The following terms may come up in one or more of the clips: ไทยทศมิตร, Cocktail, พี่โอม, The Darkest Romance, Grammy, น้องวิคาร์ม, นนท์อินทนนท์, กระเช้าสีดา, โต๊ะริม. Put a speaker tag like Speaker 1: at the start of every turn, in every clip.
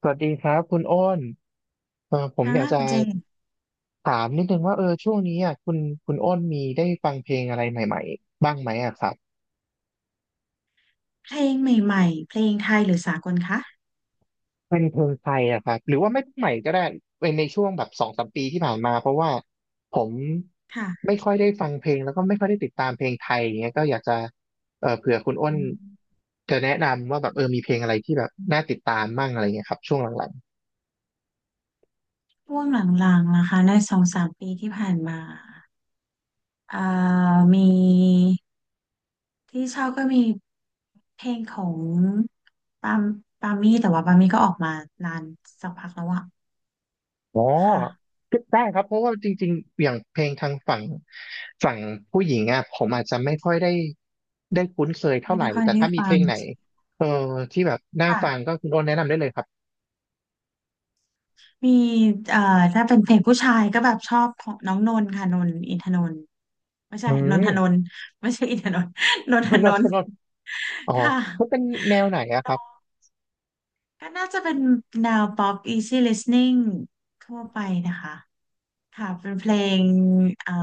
Speaker 1: สวัสดีครับคุณอ้นเออผม
Speaker 2: ค่ะ
Speaker 1: อยากจะ
Speaker 2: คุณเจน
Speaker 1: ถามนิดนึงว่าเออช่วงนี้อ่ะคุณอ้นมีได้ฟังเพลงอะไรใหม่ๆบ้างไหมอ่ะครับ
Speaker 2: เพลงใหม่ๆเพลงไทยหรือสากลคะ
Speaker 1: เป็นเพลงไทยอ่ะครับหรือว่าไม่ใหม่ก็ได้ในช่วงแบบสองสามปีที่ผ่านมาเพราะว่าผม
Speaker 2: ค่ะ
Speaker 1: ไม่ค่อยได้ฟังเพลงแล้วก็ไม่ค่อยได้ติดตามเพลงไทยอย่างเงี้ยก็อยากจะเออเผื่อคุณอ้น
Speaker 2: อืม
Speaker 1: จะแนะนำว่าแบบเออมีเพลงอะไรที่แบบน่าติดตามมั่งอะไรเงี้ยครับช่วงหลังๆ
Speaker 2: ช่วงหลังๆนะคะในสองสามปีที่ผ่านมาเอ่อมีที่ชอบก็มีเพลงของปามปามี่แต่ว่าปามี่ก็ออกมานานสักพักแล้วอะ
Speaker 1: อ๋อ
Speaker 2: ค่ะ
Speaker 1: ได้ครับ เพราะว่าจริงๆอย่างเพลงทางฝั่งผู้หญิงอ่ะผมอาจจะไม่ค่อยได้คุ้นเคยเท่า
Speaker 2: ไม่
Speaker 1: ไหร่
Speaker 2: ได้ค่อย
Speaker 1: แต่
Speaker 2: ได้
Speaker 1: ถ้ามีเพ
Speaker 2: ฟั
Speaker 1: ล
Speaker 2: ง
Speaker 1: งไหนเออที่แบบน่าฟัง
Speaker 2: ค่ะ
Speaker 1: ก็คุณโอนแนะนำได้เลยครับ
Speaker 2: มีเอ่อถ้าเป็นเพลงผู้ชายก็แบบชอบของน้องนนท์ค่ะนนท์อินทนนท์ไม่
Speaker 1: อื
Speaker 2: ใช่นน
Speaker 1: ม
Speaker 2: ทนนท์ไม่ใช่อินทนนท์นน ท
Speaker 1: คุณโอ
Speaker 2: น
Speaker 1: น
Speaker 2: น
Speaker 1: คุ
Speaker 2: ท์
Speaker 1: ณโอนอ๋ อ
Speaker 2: ค่ะ
Speaker 1: มันเป็นแนวไหนอะครับ
Speaker 2: ก็น่าจะเป็นแนว pop easy listening ทั่วไปนะคะค่ะเป็นเพลงเอ่อ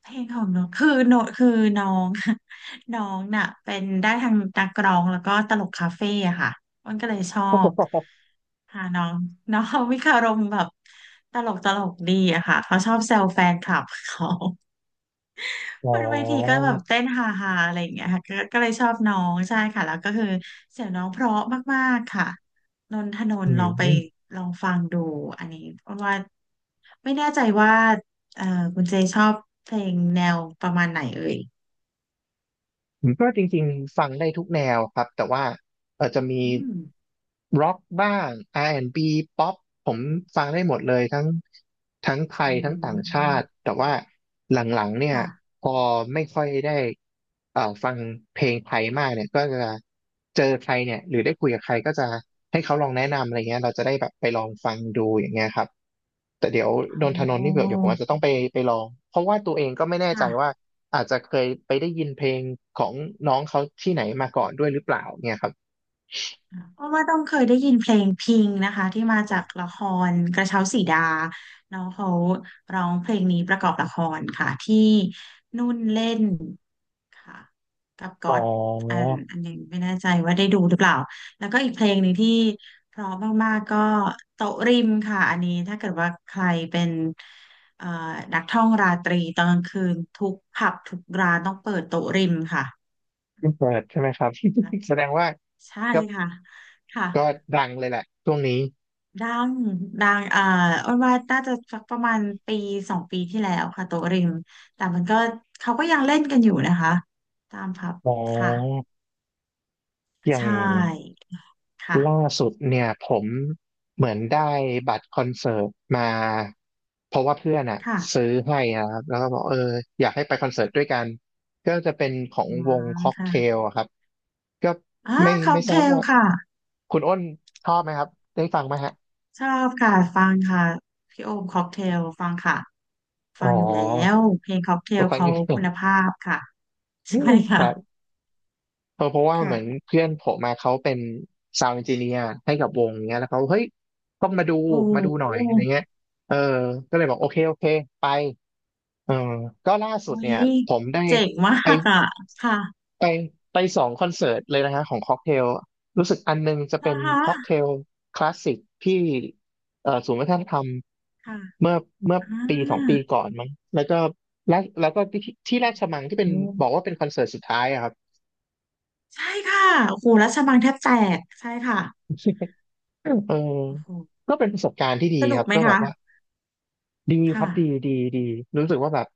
Speaker 2: เพลงของน้องคือโนคือน้อง น้องน่ะเป็นได้ทางนักร้องแล้วก็ตลกคาเฟ่อะค่ะมันก็เลยชอบค่ะน้องน้องวิคารมแบบตลกดีอะค่ะเขาชอบแซวแฟนคลับเขา
Speaker 1: อ๋อ
Speaker 2: บนเวทีก็แบบเต้นฮาฮาอะไรอย่างเงี้ยค่ะก็เลยชอบน้องใช่ค่ะแล้วก็คือเสียงน้องเพราะมากๆค่ะนนทนน
Speaker 1: อื
Speaker 2: ท์
Speaker 1: ม
Speaker 2: ลองฟังดูอันนี้เพราะว่าไม่แน่ใจว่าเอ่อคุณเจชอบเพลงแนวประมาณไหนเอ่ย
Speaker 1: ผมก็จริงๆฟังได้ทุกแนวครับแต่ว่าเออจะมี
Speaker 2: อืม
Speaker 1: ร็อกบ้าง R&B ป๊อปผมฟังได้หมดเลยทั้งไท
Speaker 2: อื
Speaker 1: ยทั้งต่างชาติ
Speaker 2: ม
Speaker 1: แต่ว่าหลังๆเนี่ย
Speaker 2: ค่ะ
Speaker 1: พอไม่ค่อยได้ฟังเพลงไทยมากเนี่ยก็จะเจอใครเนี่ยหรือได้คุยกับใครก็จะให้เขาลองแนะนำอะไรเงี้ยเราจะได้แบบไปลองฟังดูอย่างเงี้ยครับแต่เดี๋ยว
Speaker 2: โ
Speaker 1: นนท
Speaker 2: อ้
Speaker 1: นนท์นี่เดี๋ยวผม
Speaker 2: อ
Speaker 1: อาจจะต้องไปลองเพราะว่าตัวเองก็ไม่แน่ใจ
Speaker 2: ค่ะ
Speaker 1: ว่า อาจจะเคยไปได้ยินเพลงของน้องเขาที่ไหนมาก่อนด้วยหรือเปล่าเนี่ยครับ
Speaker 2: เพราะว่าต้องเคยได้ยินเพลงพิงนะคะที่มาจากละครกระเช้าสีดาแล้วเขาร้องเพลงนี้ประกอบละครค่ะที่นุ่นเล่น ค่ะกับก๊
Speaker 1: อ๋
Speaker 2: อ
Speaker 1: อ
Speaker 2: ดอันหนึงไม่แน่ใจว่าได้ดูหรือเปล่าแล้วก็อีกเพลงหนึ่งที่เพราะมากๆก็โต๊ะริมค่ะอันนี้ถ้าเกิดว่าใครเป็นเอ่อนักท่องราตรีตอนกลางคืนทุกผับทุกร้านต้องเปิดโต๊ะริมค่ะ
Speaker 1: เพิ่งเปิดใช่ไหมครับ แสดงว่า
Speaker 2: ใช่
Speaker 1: ก็
Speaker 2: ค่ะค่ะ
Speaker 1: ก็ดังเลยแหละช่วงนี้
Speaker 2: ดังดังอ้นว่าน่าจะสักประมาณปีสองปีที่แล้วค่ะโต๊ะริมแต่มันก็เขาก็ยังเล่นกันอยู่นะคะตามผับ
Speaker 1: อ๋
Speaker 2: ค่ะ
Speaker 1: ออย่า
Speaker 2: ใช
Speaker 1: ง
Speaker 2: ่ค่ะ
Speaker 1: ล่าสุดเนี่ยผมเหมือนได้บัตรคอนเสิร์ตมาเพราะว่าเพื่อนอ่ะ
Speaker 2: ค่ะ
Speaker 1: ซื้อให้นะครับแล้วก็บอกเอออยากให้ไปคอนเสิร์ตด้วยกันก็จะเป็นของ
Speaker 2: อ๋
Speaker 1: วงค็อกเท
Speaker 2: ค่ะ
Speaker 1: ลอะครับก็
Speaker 2: อ่า
Speaker 1: ไม่
Speaker 2: ค็อ
Speaker 1: ไม่
Speaker 2: ก
Speaker 1: ท
Speaker 2: เท
Speaker 1: ราบ
Speaker 2: ล
Speaker 1: ว่า
Speaker 2: ค่ะ
Speaker 1: คุณอ้นชอบไหมครับได้ฟังไหมฮะ
Speaker 2: ชอบค่ะฟังค่ะพี่โอมค็อกเทลฟังค่ะ
Speaker 1: อ๋
Speaker 2: ฟังอยู่แล้
Speaker 1: อ
Speaker 2: วเพลงค็อกเท
Speaker 1: ร
Speaker 2: ล
Speaker 1: ถไฟ
Speaker 2: เขา
Speaker 1: ยุโร
Speaker 2: คุ
Speaker 1: ป
Speaker 2: ณภาพค่ะใช่
Speaker 1: ครับ
Speaker 2: ค่ะ
Speaker 1: เพราะว่าเหมือน
Speaker 2: ค่ะ
Speaker 1: เพื่อนผมมาเขาเป็นซาวด์เอนจิเนียร์ให้กับวงเนี้ยแล้วเขาเฮ้ยต้องมาดู
Speaker 2: โอ้
Speaker 1: มาดูห
Speaker 2: โห
Speaker 1: น่อยอะไรเงี้ยเออก็เลยบอกโอเคโอเคไปเออก็ล่าสุด
Speaker 2: อุ๊
Speaker 1: เนี่ย
Speaker 2: ย
Speaker 1: ผมได้
Speaker 2: เจ๋งมา
Speaker 1: ไป
Speaker 2: กอ่ะค่ะ
Speaker 1: ไปไปสองคอนเสิร์ตเลยนะฮะของค็อกเทลรู้สึกอันนึงจะเป็
Speaker 2: นะ
Speaker 1: นค็อกเท
Speaker 2: คะ
Speaker 1: ลคลาสสิกที่ศูนย์วัฒนธรรม
Speaker 2: ค่ะ
Speaker 1: เมื่อเมื่อ
Speaker 2: อ่า
Speaker 1: ปีสองปีก่อนมั้งแล้วก็และแล้วก็ที่ราชมังที่เป็น
Speaker 2: โอ้
Speaker 1: บอกว่าเป็นคอนเสิร์ตสุดท้ายอะครับ
Speaker 2: ใช่ค่ะโอ้โหรัชมังแทบแตกใช่ค่ะ
Speaker 1: เออ
Speaker 2: โอ้โห
Speaker 1: ก็เป็นประสบการณ์ที่ดี
Speaker 2: ส
Speaker 1: ค
Speaker 2: นุก
Speaker 1: รับ
Speaker 2: ไหม
Speaker 1: ก็แบ
Speaker 2: คะ
Speaker 1: บว่าดีครับดี
Speaker 2: ค่ะ
Speaker 1: ดีดีรู้สึกว่าแบบ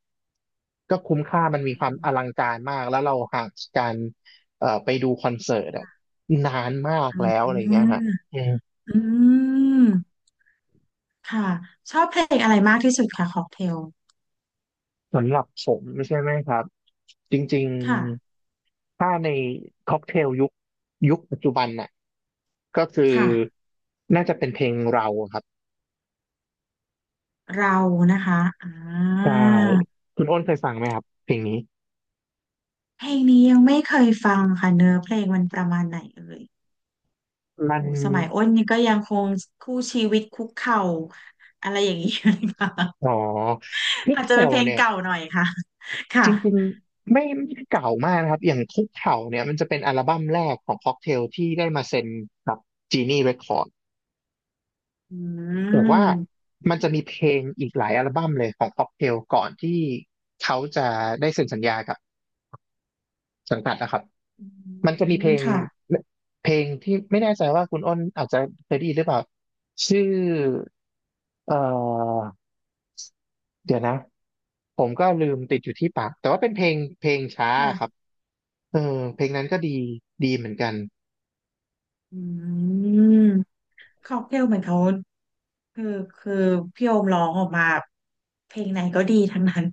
Speaker 1: ก็คุ้มค่ามันมี
Speaker 2: อื
Speaker 1: ความอลั
Speaker 2: ม
Speaker 1: งการมากแล้วเราห่างจากการไปดูคอนเสิร์ตอะนานมากแล้วอะไรอย่างเงี้ยฮะ
Speaker 2: อืม ค่ะชอบเพลงอะไรมากที่สุดคะค็อกเทล
Speaker 1: สำหรับผมใช่ไหมครับจริง
Speaker 2: ค่ะ
Speaker 1: ๆถ้าในค็อกเทลยุคปัจจุบันน่ะก็คือ
Speaker 2: ค่ะ
Speaker 1: น่าจะเป็นเพลงเราครับ
Speaker 2: เรานะคะอ่
Speaker 1: ใช่
Speaker 2: า
Speaker 1: คุณอ้นเคยฟังไหมครับเพลงนี้
Speaker 2: เพลงนี้ยังไม่เคยฟังค่ะเนื้อเพลงมันประมาณไหนเอ่ย
Speaker 1: มัน
Speaker 2: โอ้สมัยอ้นนี่ก็ยังคงคู่ชีวิตคุกเข่าอะไรอย่างนี้อยู่เลยค่ะ
Speaker 1: อ๋อคุก
Speaker 2: อาจจะเป็น
Speaker 1: เข่า
Speaker 2: เพลง
Speaker 1: เนี่ย
Speaker 2: เก่าหน่อยค่ะค่ะ
Speaker 1: จริงๆไม่ได้เก่ามากนะครับอย่างคุกเข่าเนี่ยมันจะเป็นอัลบั้มแรกของค็อกเทลที่ได้มาเซ็นกับจีนี่เรคคอร์
Speaker 2: อื
Speaker 1: แต่ว่า
Speaker 2: ม
Speaker 1: มันจะมีเพลงอีกหลายอัลบั้มเลยของค็อกเทลก่อนที่เขาจะได้เซ็นสัญญากับสังกัดนะครับ
Speaker 2: อื
Speaker 1: มันจะมีเพ
Speaker 2: ม
Speaker 1: ลง
Speaker 2: ค่ะ
Speaker 1: เพลงที่ไม่แน่ใจว่าคุณอ้นอาจจะเคยได้ยินหรือเปล่าชื่อเอ่อเดี๋ยวนะผมก็ลืมติดอยู่ที่ปากแต่ว่าเป็นเพลงช้า
Speaker 2: ค่ะ
Speaker 1: ครับเออเพลงนั้นก็ดีดีเหมือนกัน
Speaker 2: อืมค็อกเทลเหมือนเขาคือคือพี่โอมร้องออกมาเพลงไหนก็ดีทั้งนั้น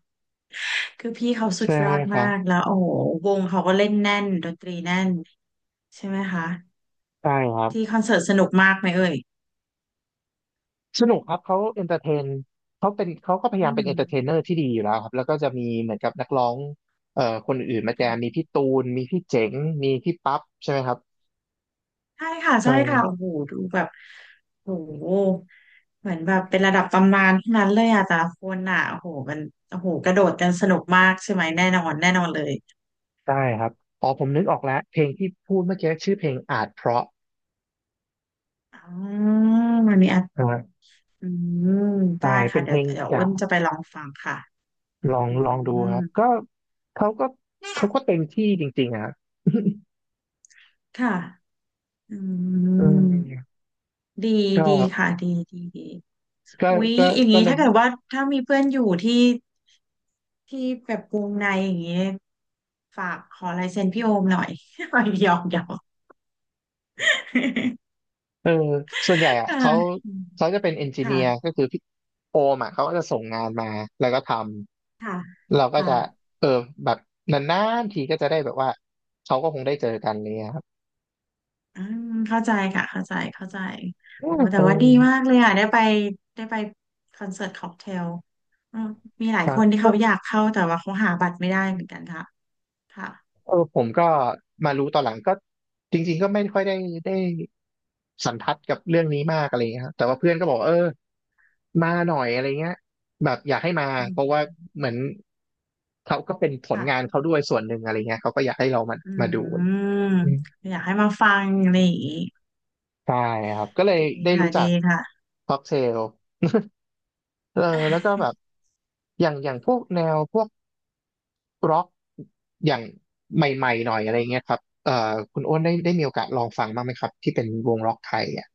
Speaker 2: คือพี่เขาสุ
Speaker 1: ใช่
Speaker 2: ดย
Speaker 1: ไหม
Speaker 2: อด
Speaker 1: ครั
Speaker 2: มา
Speaker 1: บ
Speaker 2: กแล้วโอ้โหวงเขาก็เล่นแน่นดนตรีแน่นใช่ไหมคะ
Speaker 1: ใช่ครับ
Speaker 2: ที่คอนเสิร์ตสนุกมากไหมเอ่ย
Speaker 1: สนุกครับเขาเอนเตอร์เทนเขาเป็นเขาก็พยา
Speaker 2: อื
Speaker 1: ยาม
Speaker 2: ม
Speaker 1: เป็นเอนเตอร์เทนเนอร์ที่ดีอยู่แล้วครับแล้วก็จะมีเหมือนกับนักร้องคนอื่นมาแจ
Speaker 2: ค่ะ
Speaker 1: มมีพี่ตูนมีพี่เจ๋งมีพี่ปั๊บใช่ไหมครับ
Speaker 2: ใช่ค่ะ
Speaker 1: เอ
Speaker 2: ใช่ค่ะโอ้
Speaker 1: อ
Speaker 2: โหดูแบบโอ้โหเหมือนแบบเป็นระดับตำนานทั้งนั้นเลยอะแต่ละคนอะโอ้โหมันโอ้โหกระโดดกันสนุกมากใช่ไหมแน่นอนแน่นอนเลย
Speaker 1: ได้ครับอ๋อผมนึกออกแล้วเพลงที่พูดเมื่อกี้ชื่อเพลงอาจเพราะ
Speaker 2: อ๋อมันมีอ่ะ
Speaker 1: นะฮะ
Speaker 2: อืม
Speaker 1: ใช่
Speaker 2: ได้
Speaker 1: เป็
Speaker 2: ค่ะ
Speaker 1: นเพลง
Speaker 2: เดี๋ยว
Speaker 1: จา
Speaker 2: อ้
Speaker 1: ก
Speaker 2: นจะไปลองฟังค่ะ
Speaker 1: ลอง
Speaker 2: อื
Speaker 1: ลองดู
Speaker 2: ม
Speaker 1: ครับก็เขาก็เขาก็เต็มที่จริงๆอะครับ
Speaker 2: ค่ะอื
Speaker 1: เอ
Speaker 2: ม
Speaker 1: อ
Speaker 2: ดี
Speaker 1: ก็
Speaker 2: ดีค่ะดีดี
Speaker 1: ก็
Speaker 2: อุ๊ย
Speaker 1: ก็
Speaker 2: อย่าง
Speaker 1: ก็
Speaker 2: นี้
Speaker 1: เล
Speaker 2: ถ้า
Speaker 1: ย
Speaker 2: เกิดว่าถ้ามีเพื่อนอยู่ที่ที่แบบวงในอย่างนี้ฝากขอลายเซ็นพี่โอมหน่อย หน่อยหยอก
Speaker 1: เออส่วนใหญ่อ่ะ
Speaker 2: ค่ะ
Speaker 1: เขา
Speaker 2: อืม
Speaker 1: เขาจะเป็นเอนจิ
Speaker 2: ค
Speaker 1: เนียร์ก็
Speaker 2: ่ะ
Speaker 1: คือพี่โอมอ่ะเขาก็จะส่งงานมาแล้วก็ทำ
Speaker 2: ค่ะ
Speaker 1: เราก็
Speaker 2: ค่ะ
Speaker 1: จะเออแบบนานๆทีก็จะได้แบบว่าเขาก็คงได้เจอกันอะไรเลยครับ
Speaker 2: อืมเข้าใจค่ะเข้าใจ
Speaker 1: อื
Speaker 2: โอ้
Speaker 1: ม
Speaker 2: แต่
Speaker 1: เออ
Speaker 2: ว่าดีมากเลยอ่ะได้ไปคอนเสิร์ตค็อกเทลอืมมีหลาย
Speaker 1: ค
Speaker 2: คนที่
Speaker 1: รั
Speaker 2: เขาอ
Speaker 1: บ
Speaker 2: ยากเข้าแต่ว่าเขาหาบัตรไม่ได้เหมือนกันค่ะค่ะ
Speaker 1: เออผมก็มารู้ตอนหลังก็จริงๆก็ไม่ค่อยได้ได้สันทัดกับเรื่องนี้มากอะไรเงี้ยครับแต่ว่าเพื่อนก็บอกว่าเออมาหน่อยอะไรเงี้ยแบบอยากให้มา
Speaker 2: อื
Speaker 1: เพราะว่า
Speaker 2: ม
Speaker 1: เหมือนเขาก็เป็นผลงาน
Speaker 2: ค่ะ
Speaker 1: เขาด้วยส่วนหนึ่งอะไรเงี้ยเขาก็อยากให้เรามา
Speaker 2: อื
Speaker 1: มาดู
Speaker 2: ม
Speaker 1: อืม
Speaker 2: อยากให้มาฟังอะไรอย่างงี้
Speaker 1: ใช่ครับก็เลย
Speaker 2: ดี
Speaker 1: ได้
Speaker 2: ค่ะ
Speaker 1: รู้จัก
Speaker 2: ดีค่ะ
Speaker 1: ค็อกเทล เออแล้วก็แบบอย่างพวกแนวพวก ร็อกอย่างใหม่ๆหน่อยอะไรเงี้ยครับคุณอ้นได้มีโอกาสลองฟังบ้างไหมครับที่เป็นวงร็อกไทยอ่ะ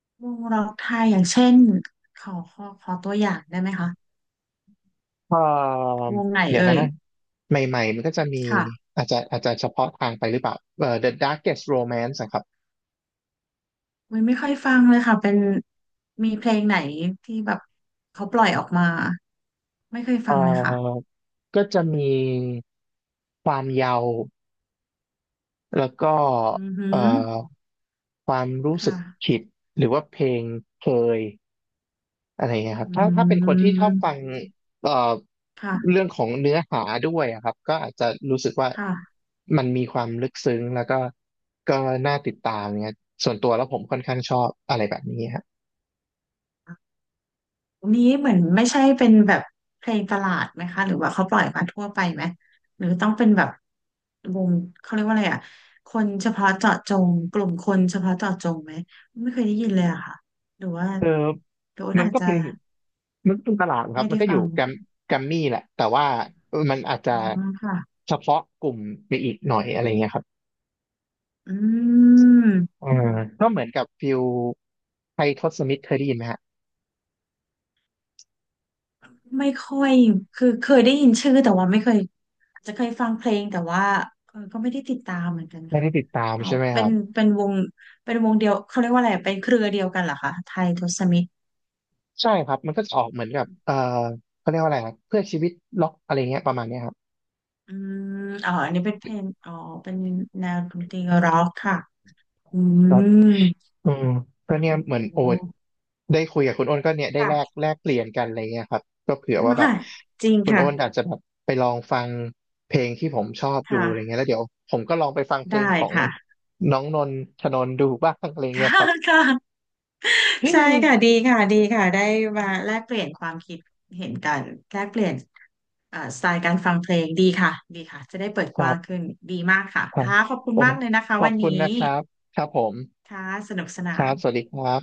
Speaker 2: วงร็อกไทยอย่างเช่นขอตัวอย่างได้ไหมคะ
Speaker 1: เอ่อ
Speaker 2: วงไหน
Speaker 1: เดี๋ยว
Speaker 2: เอ่
Speaker 1: นะ
Speaker 2: ย
Speaker 1: นะใหม่ๆมันก็จะมี
Speaker 2: ค่ะ
Speaker 1: อาจจะเฉพาะทางไปหรือเปล่าThe Darkest Romance นะครับ
Speaker 2: ไม่ค่อยฟังเลยค่ะเป็นมีเพลงไหนที่แบบเขาปล่อยออกมาไม่เคย
Speaker 1: เอ่
Speaker 2: ฟังเลยค่ะ
Speaker 1: อก็จะมีความเยาว์แล้วก็
Speaker 2: อือหื
Speaker 1: เอ่
Speaker 2: อ
Speaker 1: อความรู้สึ
Speaker 2: ค่ะ
Speaker 1: กผิดหรือว่าเพลงเคย อะไรเงี้ยครับ
Speaker 2: อื
Speaker 1: ถ้าเป็นคนที่ชอบฟัง
Speaker 2: ม
Speaker 1: เอ่อ
Speaker 2: ค่ะ
Speaker 1: เรื่องของเนื้อหาด้วยอะครับก็อาจจะรู้สึกว่า
Speaker 2: ค่ะอ่า
Speaker 1: มันมีความลึกซึ้งแล้วก็น่าติดตามเงี้ยส่วนตัวแล้วผมค่อนข้างชอบอะไรแบบนี้ฮะ
Speaker 2: นี้เหมือนไม่ใช่เป็นแบบเพลงตลาดไหมคะหรือว่าเขาปล่อยมาทั่วไปไหมหรือต้องเป็นแบบวงเขาเรียกว่าอะไรอ่ะคนเฉพาะเจาะจงกลุ่มคนเฉพาะเจาะจงไหมไม่เคยได้ยินเลยอะค่ะหรือว่า
Speaker 1: เออ
Speaker 2: หรือว่า
Speaker 1: มัน
Speaker 2: อาจ
Speaker 1: ก็
Speaker 2: จะ
Speaker 1: เป็นมันก็เป็นตลาดครั
Speaker 2: ไม่
Speaker 1: บมั
Speaker 2: ได้
Speaker 1: นก็อ
Speaker 2: ฟั
Speaker 1: ยู่
Speaker 2: ง
Speaker 1: แกรมแกรมมี่แหละแต่ว่ามันอาจจะ
Speaker 2: อืมค่ะ
Speaker 1: เฉพาะกลุ่มไปอีกหน่อยอะไรเงี้ยครับ
Speaker 2: อืม
Speaker 1: อ่าก็เหมือนกับฟิลไทยทศมิตรเคยได้ยินไหมฮะ
Speaker 2: ไม่ค่อยคือเคยได้ยินชื่อแต่ว่าไม่เคย จะเคยฟังเพลงแต่ว่าเออก็ไม่ได้ติดตามเหมือนกัน
Speaker 1: ไม่
Speaker 2: ค่ะ
Speaker 1: ได้ติดตาม
Speaker 2: อ๋อ
Speaker 1: ใช่ไหมค
Speaker 2: เป็
Speaker 1: รั
Speaker 2: น
Speaker 1: บ
Speaker 2: เป็นวงเป็นวงเดียวเขาเรียกว่าอะไรเป็นเครือเดียวกันเหรอคะไทยทศมิตร
Speaker 1: ใช่ครับมันก็จะออกเหมือนกับเขาเรียกว่าอะไรครับเพื่อชีวิตล็อกอะไรเงี้ยประมาณเนี้ยครับ
Speaker 2: อืมอ๋ออันนี้เป็นเพลงอ๋อเป็นแนวดนตรีร็อกค่ะ อื
Speaker 1: แล้ว
Speaker 2: ม
Speaker 1: อืมก็
Speaker 2: อ่ะ
Speaker 1: เนี่ย
Speaker 2: โอ้
Speaker 1: เหมือนโอ๊ต
Speaker 2: โห
Speaker 1: ได้คุยกับคุณโอ้นก็เนี่ยได้แลก
Speaker 2: ค่ะ
Speaker 1: แลกเปลี่ยนกันอะไรเงี้ยครับก็เผื่อว่าแบบ
Speaker 2: จริง
Speaker 1: คุณ
Speaker 2: ค่ะ
Speaker 1: โอ้นอาจจะแบบไปลองฟังเพลงที่ผมชอบดูอะไร
Speaker 2: ค่ะ
Speaker 1: เงี้ยแล้วเดี๋ยวผมก็ลองไปฟังเพลง
Speaker 2: ได้
Speaker 1: ของ
Speaker 2: ค่ะ
Speaker 1: น้องนนทธนนท์ดูบ้างอะไรเงี้ยครับ
Speaker 2: ค่ะ ใช่ค่ะค่ะดีค่ะได้มาแลกเปลี่ยนความคิดเห็นกันแลกเปลี่ยนสไตล์การฟังเพลงดีค่ะดีค่ะจะได้เปิด
Speaker 1: ค
Speaker 2: ก
Speaker 1: รั
Speaker 2: ว้าง
Speaker 1: บ
Speaker 2: ขึ้นดีมากค่ะ
Speaker 1: ครับ
Speaker 2: ค่ะขอบคุณ
Speaker 1: โอ้
Speaker 2: มากเลยนะคะ
Speaker 1: ขอ
Speaker 2: วั
Speaker 1: บ
Speaker 2: น
Speaker 1: คุ
Speaker 2: นี้
Speaker 1: ณนะครับครับผม
Speaker 2: ค่ะสนุกสนา
Speaker 1: ครั
Speaker 2: น
Speaker 1: บสวัสดีครับ